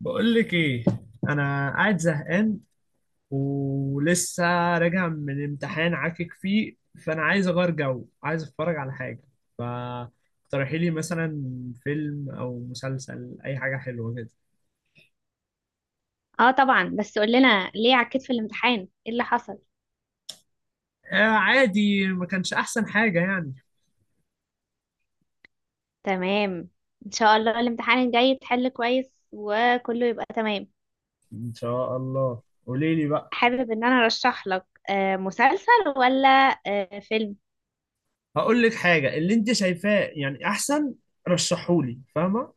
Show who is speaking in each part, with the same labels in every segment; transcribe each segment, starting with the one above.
Speaker 1: بقول لك ايه. انا قاعد زهقان ولسه راجع من امتحان عاكك فيه، فانا عايز اغير جو، عايز اتفرج على حاجه. فاقترحي لي مثلا فيلم او مسلسل، اي حاجه حلوه كده.
Speaker 2: اه طبعا، بس قول لنا ليه عكيت في الامتحان؟ ايه اللي حصل؟
Speaker 1: آه عادي، ما كانش احسن حاجه يعني.
Speaker 2: تمام. ان شاء الله الامتحان الجاي تحل كويس وكله يبقى تمام.
Speaker 1: ان شاء الله. قولي لي بقى.
Speaker 2: حابب ان انا ارشح لك مسلسل ولا فيلم؟
Speaker 1: هقول لك حاجه، اللي انت شايفاه يعني احسن رشحولي، فاهمه؟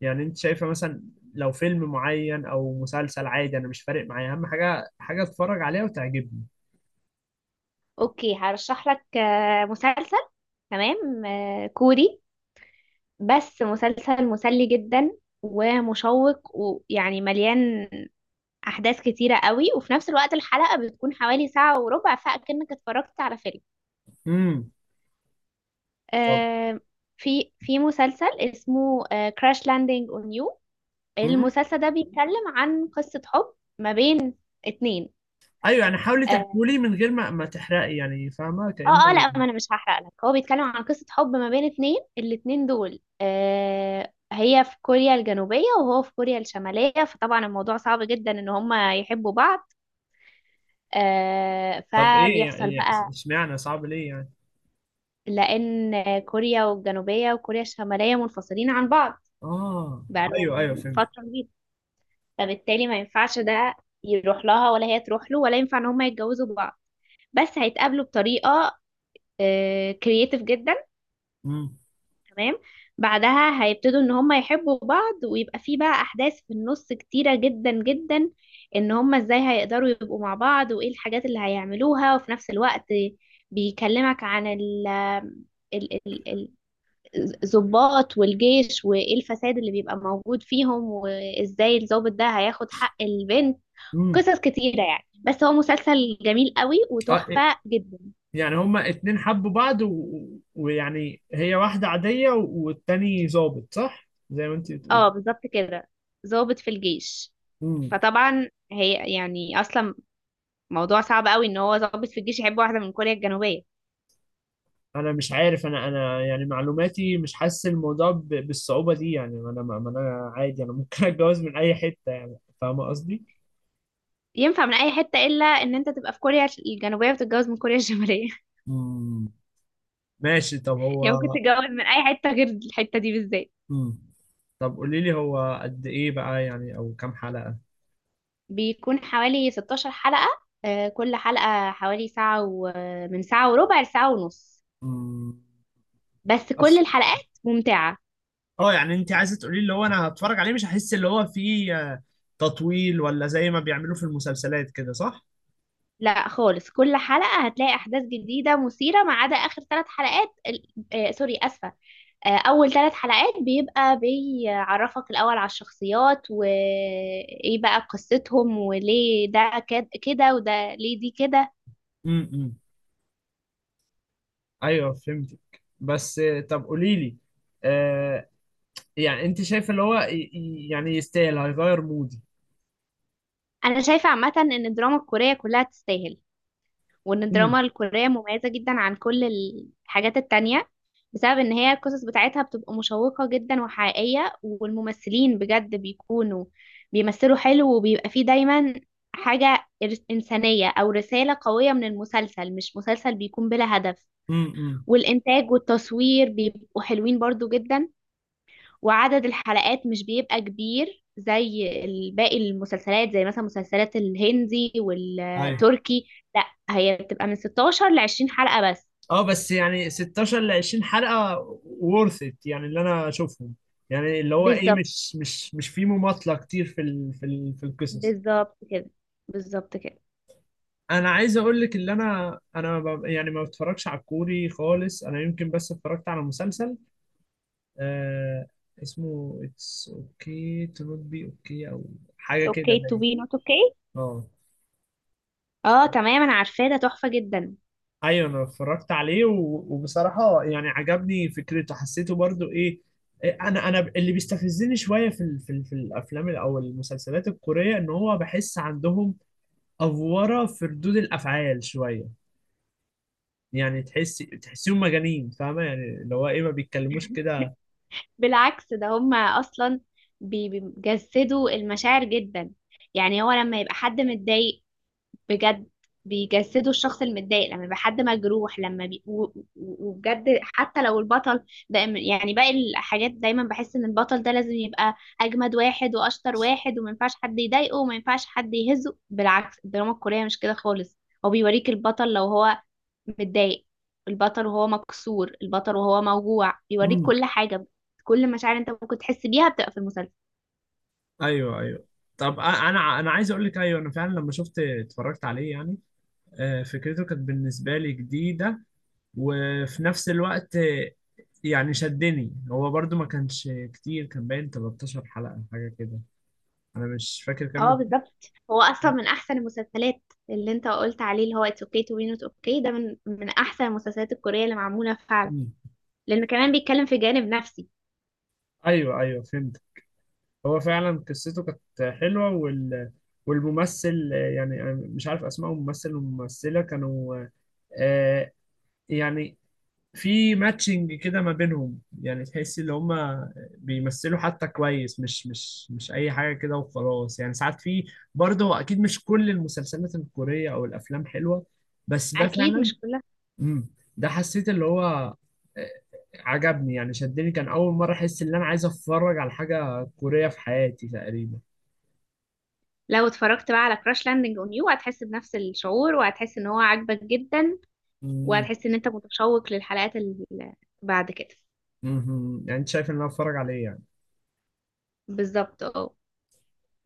Speaker 1: يعني انت شايفه مثلا لو فيلم معين او مسلسل، عادي انا مش فارق معايا، اهم حاجه حاجه اتفرج عليها وتعجبني.
Speaker 2: اوكي، هرشح لك مسلسل. تمام، كوري. بس مسلسل مسلي جدا ومشوق، ويعني مليان احداث كتيرة قوي. وفي نفس الوقت الحلقة بتكون حوالي ساعة وربع، فاكنك اتفرجت على فيلم.
Speaker 1: امم طب.
Speaker 2: آه، في مسلسل اسمه كراش لاندنج اون يو.
Speaker 1: امم
Speaker 2: المسلسل ده بيتكلم عن قصة حب ما بين اتنين.
Speaker 1: ايوه يعني حاولي
Speaker 2: اه
Speaker 1: تحكولي من غير ما تحرقي، يعني فاهمه كأنه.
Speaker 2: لا، ما انا مش هحرق لك. هو بيتكلم عن قصة حب ما بين اتنين. الاتنين دول آه هي في كوريا الجنوبية وهو في كوريا الشمالية، فطبعا الموضوع صعب جدا ان هما يحبوا بعض. آه،
Speaker 1: طب ايه
Speaker 2: فبيحصل
Speaker 1: يعني،
Speaker 2: بقى.
Speaker 1: اشمعنى صعب ليه يعني؟
Speaker 2: لان كوريا الجنوبية وكوريا الشمالية منفصلين عن بعض
Speaker 1: اه.
Speaker 2: بقالهم
Speaker 1: ايوه ايوه فهمت.
Speaker 2: فترة كبيرة، فبالتالي ما ينفعش ده يروح لها ولا هي تروح له، ولا ينفع ان هما يتجوزوا بعض. بس هيتقابلوا بطريقة كرييتيف جدا.
Speaker 1: امم
Speaker 2: تمام. بعدها هيبتدوا ان هما يحبوا بعض، ويبقى في بقى احداث في النص كتيرة جدا جدا، ان هما ازاي هيقدروا يبقوا مع بعض وايه الحاجات اللي هيعملوها. وفي نفس الوقت بيكلمك عن ال- ال- ال- الضباط والجيش، وايه الفساد اللي بيبقى موجود فيهم، وازاي الضابط ده هياخد حق البنت.
Speaker 1: امم
Speaker 2: قصص كتيرة يعني، بس هو مسلسل جميل قوي
Speaker 1: اه إيه،
Speaker 2: وتحفة جدا.
Speaker 1: يعني هما اتنين حبوا بعض ويعني هي واحده عاديه والتاني ظابط، صح زي ما انت بتقول؟
Speaker 2: اه بالظبط كده، ضابط في الجيش.
Speaker 1: امم
Speaker 2: فطبعا هي يعني اصلا موضوع صعب قوي ان هو ضابط في الجيش يحب واحدة من كوريا الجنوبية.
Speaker 1: انا مش عارف، انا يعني معلوماتي مش حاسس الموضوع بالصعوبه دي يعني. انا ما ما انا عادي، انا ممكن اتجوز من اي حته، يعني فاهمه قصدي.
Speaker 2: ينفع من اي حتة الا ان انت تبقى في كوريا الجنوبية وتتجوز من كوريا الشمالية.
Speaker 1: امم ماشي. طب
Speaker 2: يعني ممكن
Speaker 1: هو
Speaker 2: تتجوز من اي حتة غير الحتة دي بالذات.
Speaker 1: مم. طب قولي لي، هو قد ايه بقى يعني، او كام حلقة؟
Speaker 2: بيكون حوالي 16 حلقة. آه، كل حلقة حوالي ساعة و... من ساعة وربع لساعة ونص.
Speaker 1: مم.
Speaker 2: بس كل
Speaker 1: بس
Speaker 2: الحلقات ممتعة.
Speaker 1: اه، يعني انت عايزة تقولي لي اللي هو انا هتفرج عليه مش هحس اللي هو فيه تطويل، ولا زي ما بيعملوا في المسلسلات كده صح؟
Speaker 2: لا خالص، كل حلقة هتلاقي أحداث جديدة مثيرة ما عدا آخر ثلاث حلقات ال- آه سوري آسفة. آه، أول ثلاث حلقات بيبقى بيعرفك الأول على الشخصيات وإيه بقى قصتهم وليه ده كده وده ليه دي كده.
Speaker 1: مم. مم. ايوه فهمتك. بس طب قولي لي، آه يعني انت شايف اللي هو يعني يستاهل، هيغير مودي؟
Speaker 2: أنا شايفة عامة إن الدراما الكورية كلها تستاهل، وان
Speaker 1: مم.
Speaker 2: الدراما الكورية مميزة جدا عن كل الحاجات التانية، بسبب ان هي القصص بتاعتها بتبقى مشوقة جدا وحقيقية، والممثلين بجد بيكونوا بيمثلوا حلو، وبيبقى فيه دايما حاجة إنسانية أو رسالة قوية من المسلسل، مش مسلسل بيكون بلا هدف.
Speaker 1: مم.
Speaker 2: والإنتاج والتصوير بيبقوا حلوين برضو جدا. وعدد الحلقات مش بيبقى كبير زي باقي المسلسلات، زي مثلا مسلسلات الهندي
Speaker 1: أيوه.
Speaker 2: والتركي. لا، هي بتبقى من 16 ل 20 حلقة بس.
Speaker 1: اه بس يعني 16 ل 20 حلقة worth it يعني اللي انا اشوفهم، يعني اللي هو ايه،
Speaker 2: بالظبط.
Speaker 1: مش في مماطلة كتير في ال في ال في القصص.
Speaker 2: بالظبط كده. بالظبط كده.
Speaker 1: انا عايز اقول لك، اللي انا يعني ما بتفرجش على الكوري خالص. انا يمكن بس اتفرجت على مسلسل آه اسمه اتس اوكي تو نوت بي اوكي او حاجة كده،
Speaker 2: اوكي تو
Speaker 1: باين.
Speaker 2: بي نوت اوكي.
Speaker 1: اه
Speaker 2: اه تمام، انا عارفاه ده تحفة جدا.
Speaker 1: ايوه، انا اتفرجت عليه وبصراحه يعني عجبني فكرته، حسيته برضو ايه انا اللي بيستفزني شويه في ال في, ال في الافلام او المسلسلات الكوريه، ان هو بحس عندهم افوره في ردود الافعال شويه. يعني تحسيهم مجانين، فاهمه يعني اللي هو ايه، ما بيتكلموش كده.
Speaker 2: بالعكس، ده هما اصلا بيجسدوا المشاعر جدا. يعني هو لما يبقى حد متضايق بجد بيجسدوا الشخص المتضايق، لما يبقى حد مجروح لما بي... و... و- وبجد، حتى لو البطل ده. يعني باقي الحاجات دايما بحس ان البطل ده لازم يبقى اجمد واحد واشطر واحد وما ينفعش حد يضايقه وما ينفعش حد يهزه. بالعكس، الدراما الكورية مش كده خالص. هو بيوريك البطل لو هو متضايق، البطل وهو مكسور، البطل وهو موجوع، بيوريك
Speaker 1: امم
Speaker 2: كل حاجة. كل مشاعر انت ممكن تحس بيها بتبقى في المسلسل.
Speaker 1: ايوه ايوه. طب انا عايز اقول لك، ايوه انا فعلا لما اتفرجت عليه يعني فكرته كانت بالنسبه لي جديده، وفي نفس الوقت يعني شدني. هو برضو ما كانش كتير، كان باين 13 حلقة حاجة كده، أنا مش فاكر كام
Speaker 2: اه بالظبط. هو اصلا من احسن المسلسلات. اللي انت قلت عليه، اللي هو اتس اوكي تو بي نوت اوكي، ده من احسن المسلسلات الكوريه اللي معموله فعلا،
Speaker 1: مم.
Speaker 2: لان كمان بيتكلم في جانب نفسي.
Speaker 1: أيوه أيوه فهمت. هو فعلا قصته كانت حلوة، والممثل يعني أنا مش عارف أسماء الممثل والممثلة، كانوا آه، يعني في ماتشنج كده ما بينهم، يعني تحس ان هما بيمثلوا حتى كويس، مش اي حاجه كده وخلاص. يعني ساعات في برضه، اكيد مش كل المسلسلات الكوريه او الافلام حلوه، بس ده
Speaker 2: اكيد
Speaker 1: فعلا
Speaker 2: مش كلها.
Speaker 1: امم ده حسيت اللي هو عجبني يعني شدني، كان اول مره احس ان انا عايز اتفرج على حاجه كوريه في حياتي تقريبا.
Speaker 2: لو اتفرجت بقى على كراش لاندنج اون يو هتحس بنفس الشعور، وهتحس ان هو عاجبك جدا،
Speaker 1: امم
Speaker 2: وهتحس ان انت متشوق للحلقات اللي بعد كده.
Speaker 1: يعني انت شايف ان انا اتفرج عليه يعني؟
Speaker 2: بالظبط اه.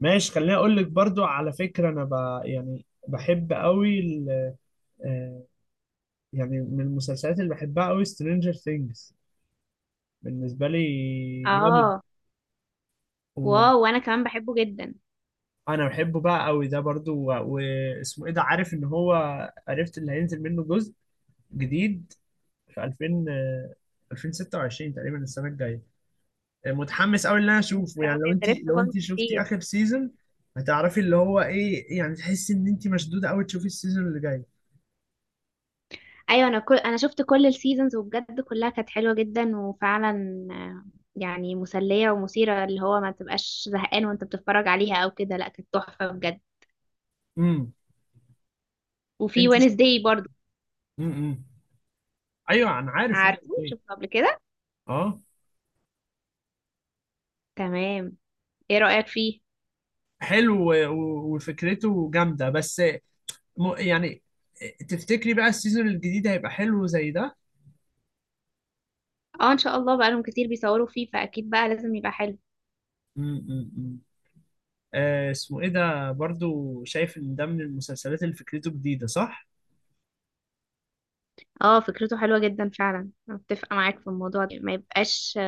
Speaker 1: ماشي. خليني اقول لك برضو على فكره، انا يعني بحب قوي، يعني من المسلسلات اللي بحبها قوي، سترينجر ثينجز. بالنسبة لي جامد.
Speaker 2: اه.
Speaker 1: وانا
Speaker 2: واو، وانا كمان بحبه جدا.
Speaker 1: بحبه بقى قوي ده برضو، واسمه ايه ده، عارف ان هو عرفت اللي هينزل منه جزء جديد في 2000 آه، 2026 تقريبا السنة الجاية. متحمس قوي ان انا
Speaker 2: يا
Speaker 1: اشوفه
Speaker 2: نهار
Speaker 1: يعني. لو
Speaker 2: أبيض، ده لسه فاضل
Speaker 1: انت شفتي
Speaker 2: كتير.
Speaker 1: اخر سيزون، هتعرفي اللي هو ايه، يعني تحسي ان انت مشدودة قوي تشوفي السيزون اللي جاي.
Speaker 2: ايوه، انا شفت كل السيزونز وبجد كلها كانت حلوه جدا وفعلا يعني مسليه ومثيره، اللي هو ما تبقاش زهقان وانت بتتفرج عليها او كده. لا، كانت تحفه بجد.
Speaker 1: امم
Speaker 2: وفي
Speaker 1: انت
Speaker 2: وينزداي برضو.
Speaker 1: امم ايوه انا عارف هو
Speaker 2: عارفه،
Speaker 1: إزاي.
Speaker 2: شفته قبل كده.
Speaker 1: اه
Speaker 2: تمام. ايه رايك فيه؟
Speaker 1: حلو وفكرته جامدة. بس يعني تفتكري بقى السيزون الجديد هيبقى حلو زي ده؟
Speaker 2: اه ان شاء الله، بقالهم كتير بيصوروا فيه، فاكيد بقى لازم يبقى حلو.
Speaker 1: م- م- م. اسمه ايه ده، برضو شايف ان ده من المسلسلات اللي فكرته جديدة صح؟
Speaker 2: اه فكرته حلوه جدا فعلا. انا متفقه معاك في الموضوع ده، ما يبقاش.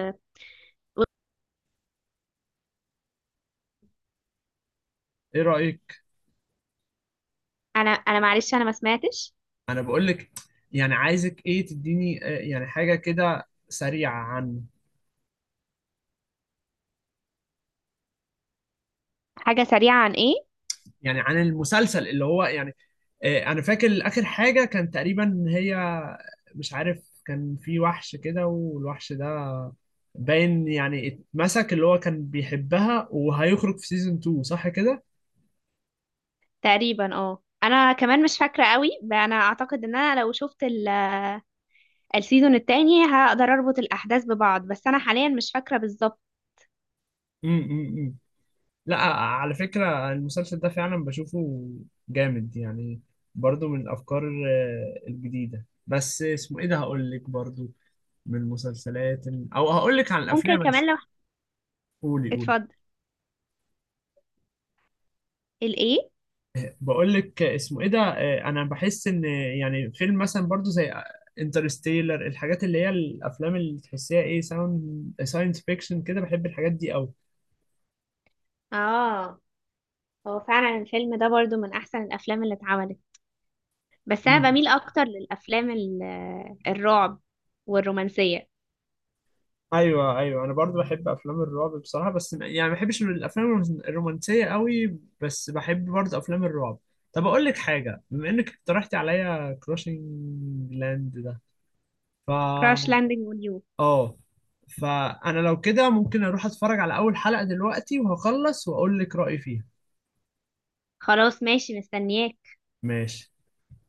Speaker 1: ايه رأيك؟
Speaker 2: انا معلش، انا ما سمعتش.
Speaker 1: انا بقول لك، يعني عايزك ايه، تديني يعني حاجة كده سريعة عن
Speaker 2: حاجه سريعه عن ايه؟
Speaker 1: يعني عن المسلسل، اللي هو يعني انا فاكر اخر حاجه كان تقريبا هي، مش عارف كان في وحش كده، والوحش ده باين يعني اتمسك، اللي هو كان بيحبها، وهيخرج في سيزون 2 صح كده؟
Speaker 2: تقريبا اه، انا كمان مش فاكره قوي. انا اعتقد ان انا لو شفت السيزون التاني هقدر اربط الاحداث ببعض، بس انا حاليا مش فاكره بالظبط.
Speaker 1: أمم. لا على فكره المسلسل ده فعلا بشوفه جامد يعني، برضو من الافكار الجديده. بس اسمه ايه ده، هقول لك برضو من المسلسلات، او هقول لك عن
Speaker 2: ممكن
Speaker 1: الافلام.
Speaker 2: كمان لو...
Speaker 1: قولي قولي.
Speaker 2: اتفضل. الايه؟
Speaker 1: بقول لك اسمه ايه ده، انا بحس ان يعني فيلم مثلا برضو زي انترستيلر، الحاجات اللي هي الافلام اللي تحسيها ايه، ساوند ساينس فيكشن كده، بحب الحاجات دي قوي.
Speaker 2: اه، هو فعلا الفيلم ده برضو من احسن الافلام اللي اتعملت. بس انا
Speaker 1: مم.
Speaker 2: بميل اكتر للافلام الرعب والرومانسيه.
Speaker 1: ايوه ايوه، انا برضو بحب افلام الرعب بصراحه. بس يعني ما بحبش الافلام الرومانسيه قوي، بس بحب برضو افلام الرعب. طب اقول لك حاجه، بما انك اقترحتي عليا كروشنج لاند ده،
Speaker 2: كراش
Speaker 1: فا
Speaker 2: لاندنج اون يو.
Speaker 1: اه فانا لو كده ممكن اروح اتفرج على اول حلقه دلوقتي، وهخلص واقول لك رايي فيها.
Speaker 2: خلاص ماشي، مستنياك.
Speaker 1: ماشي.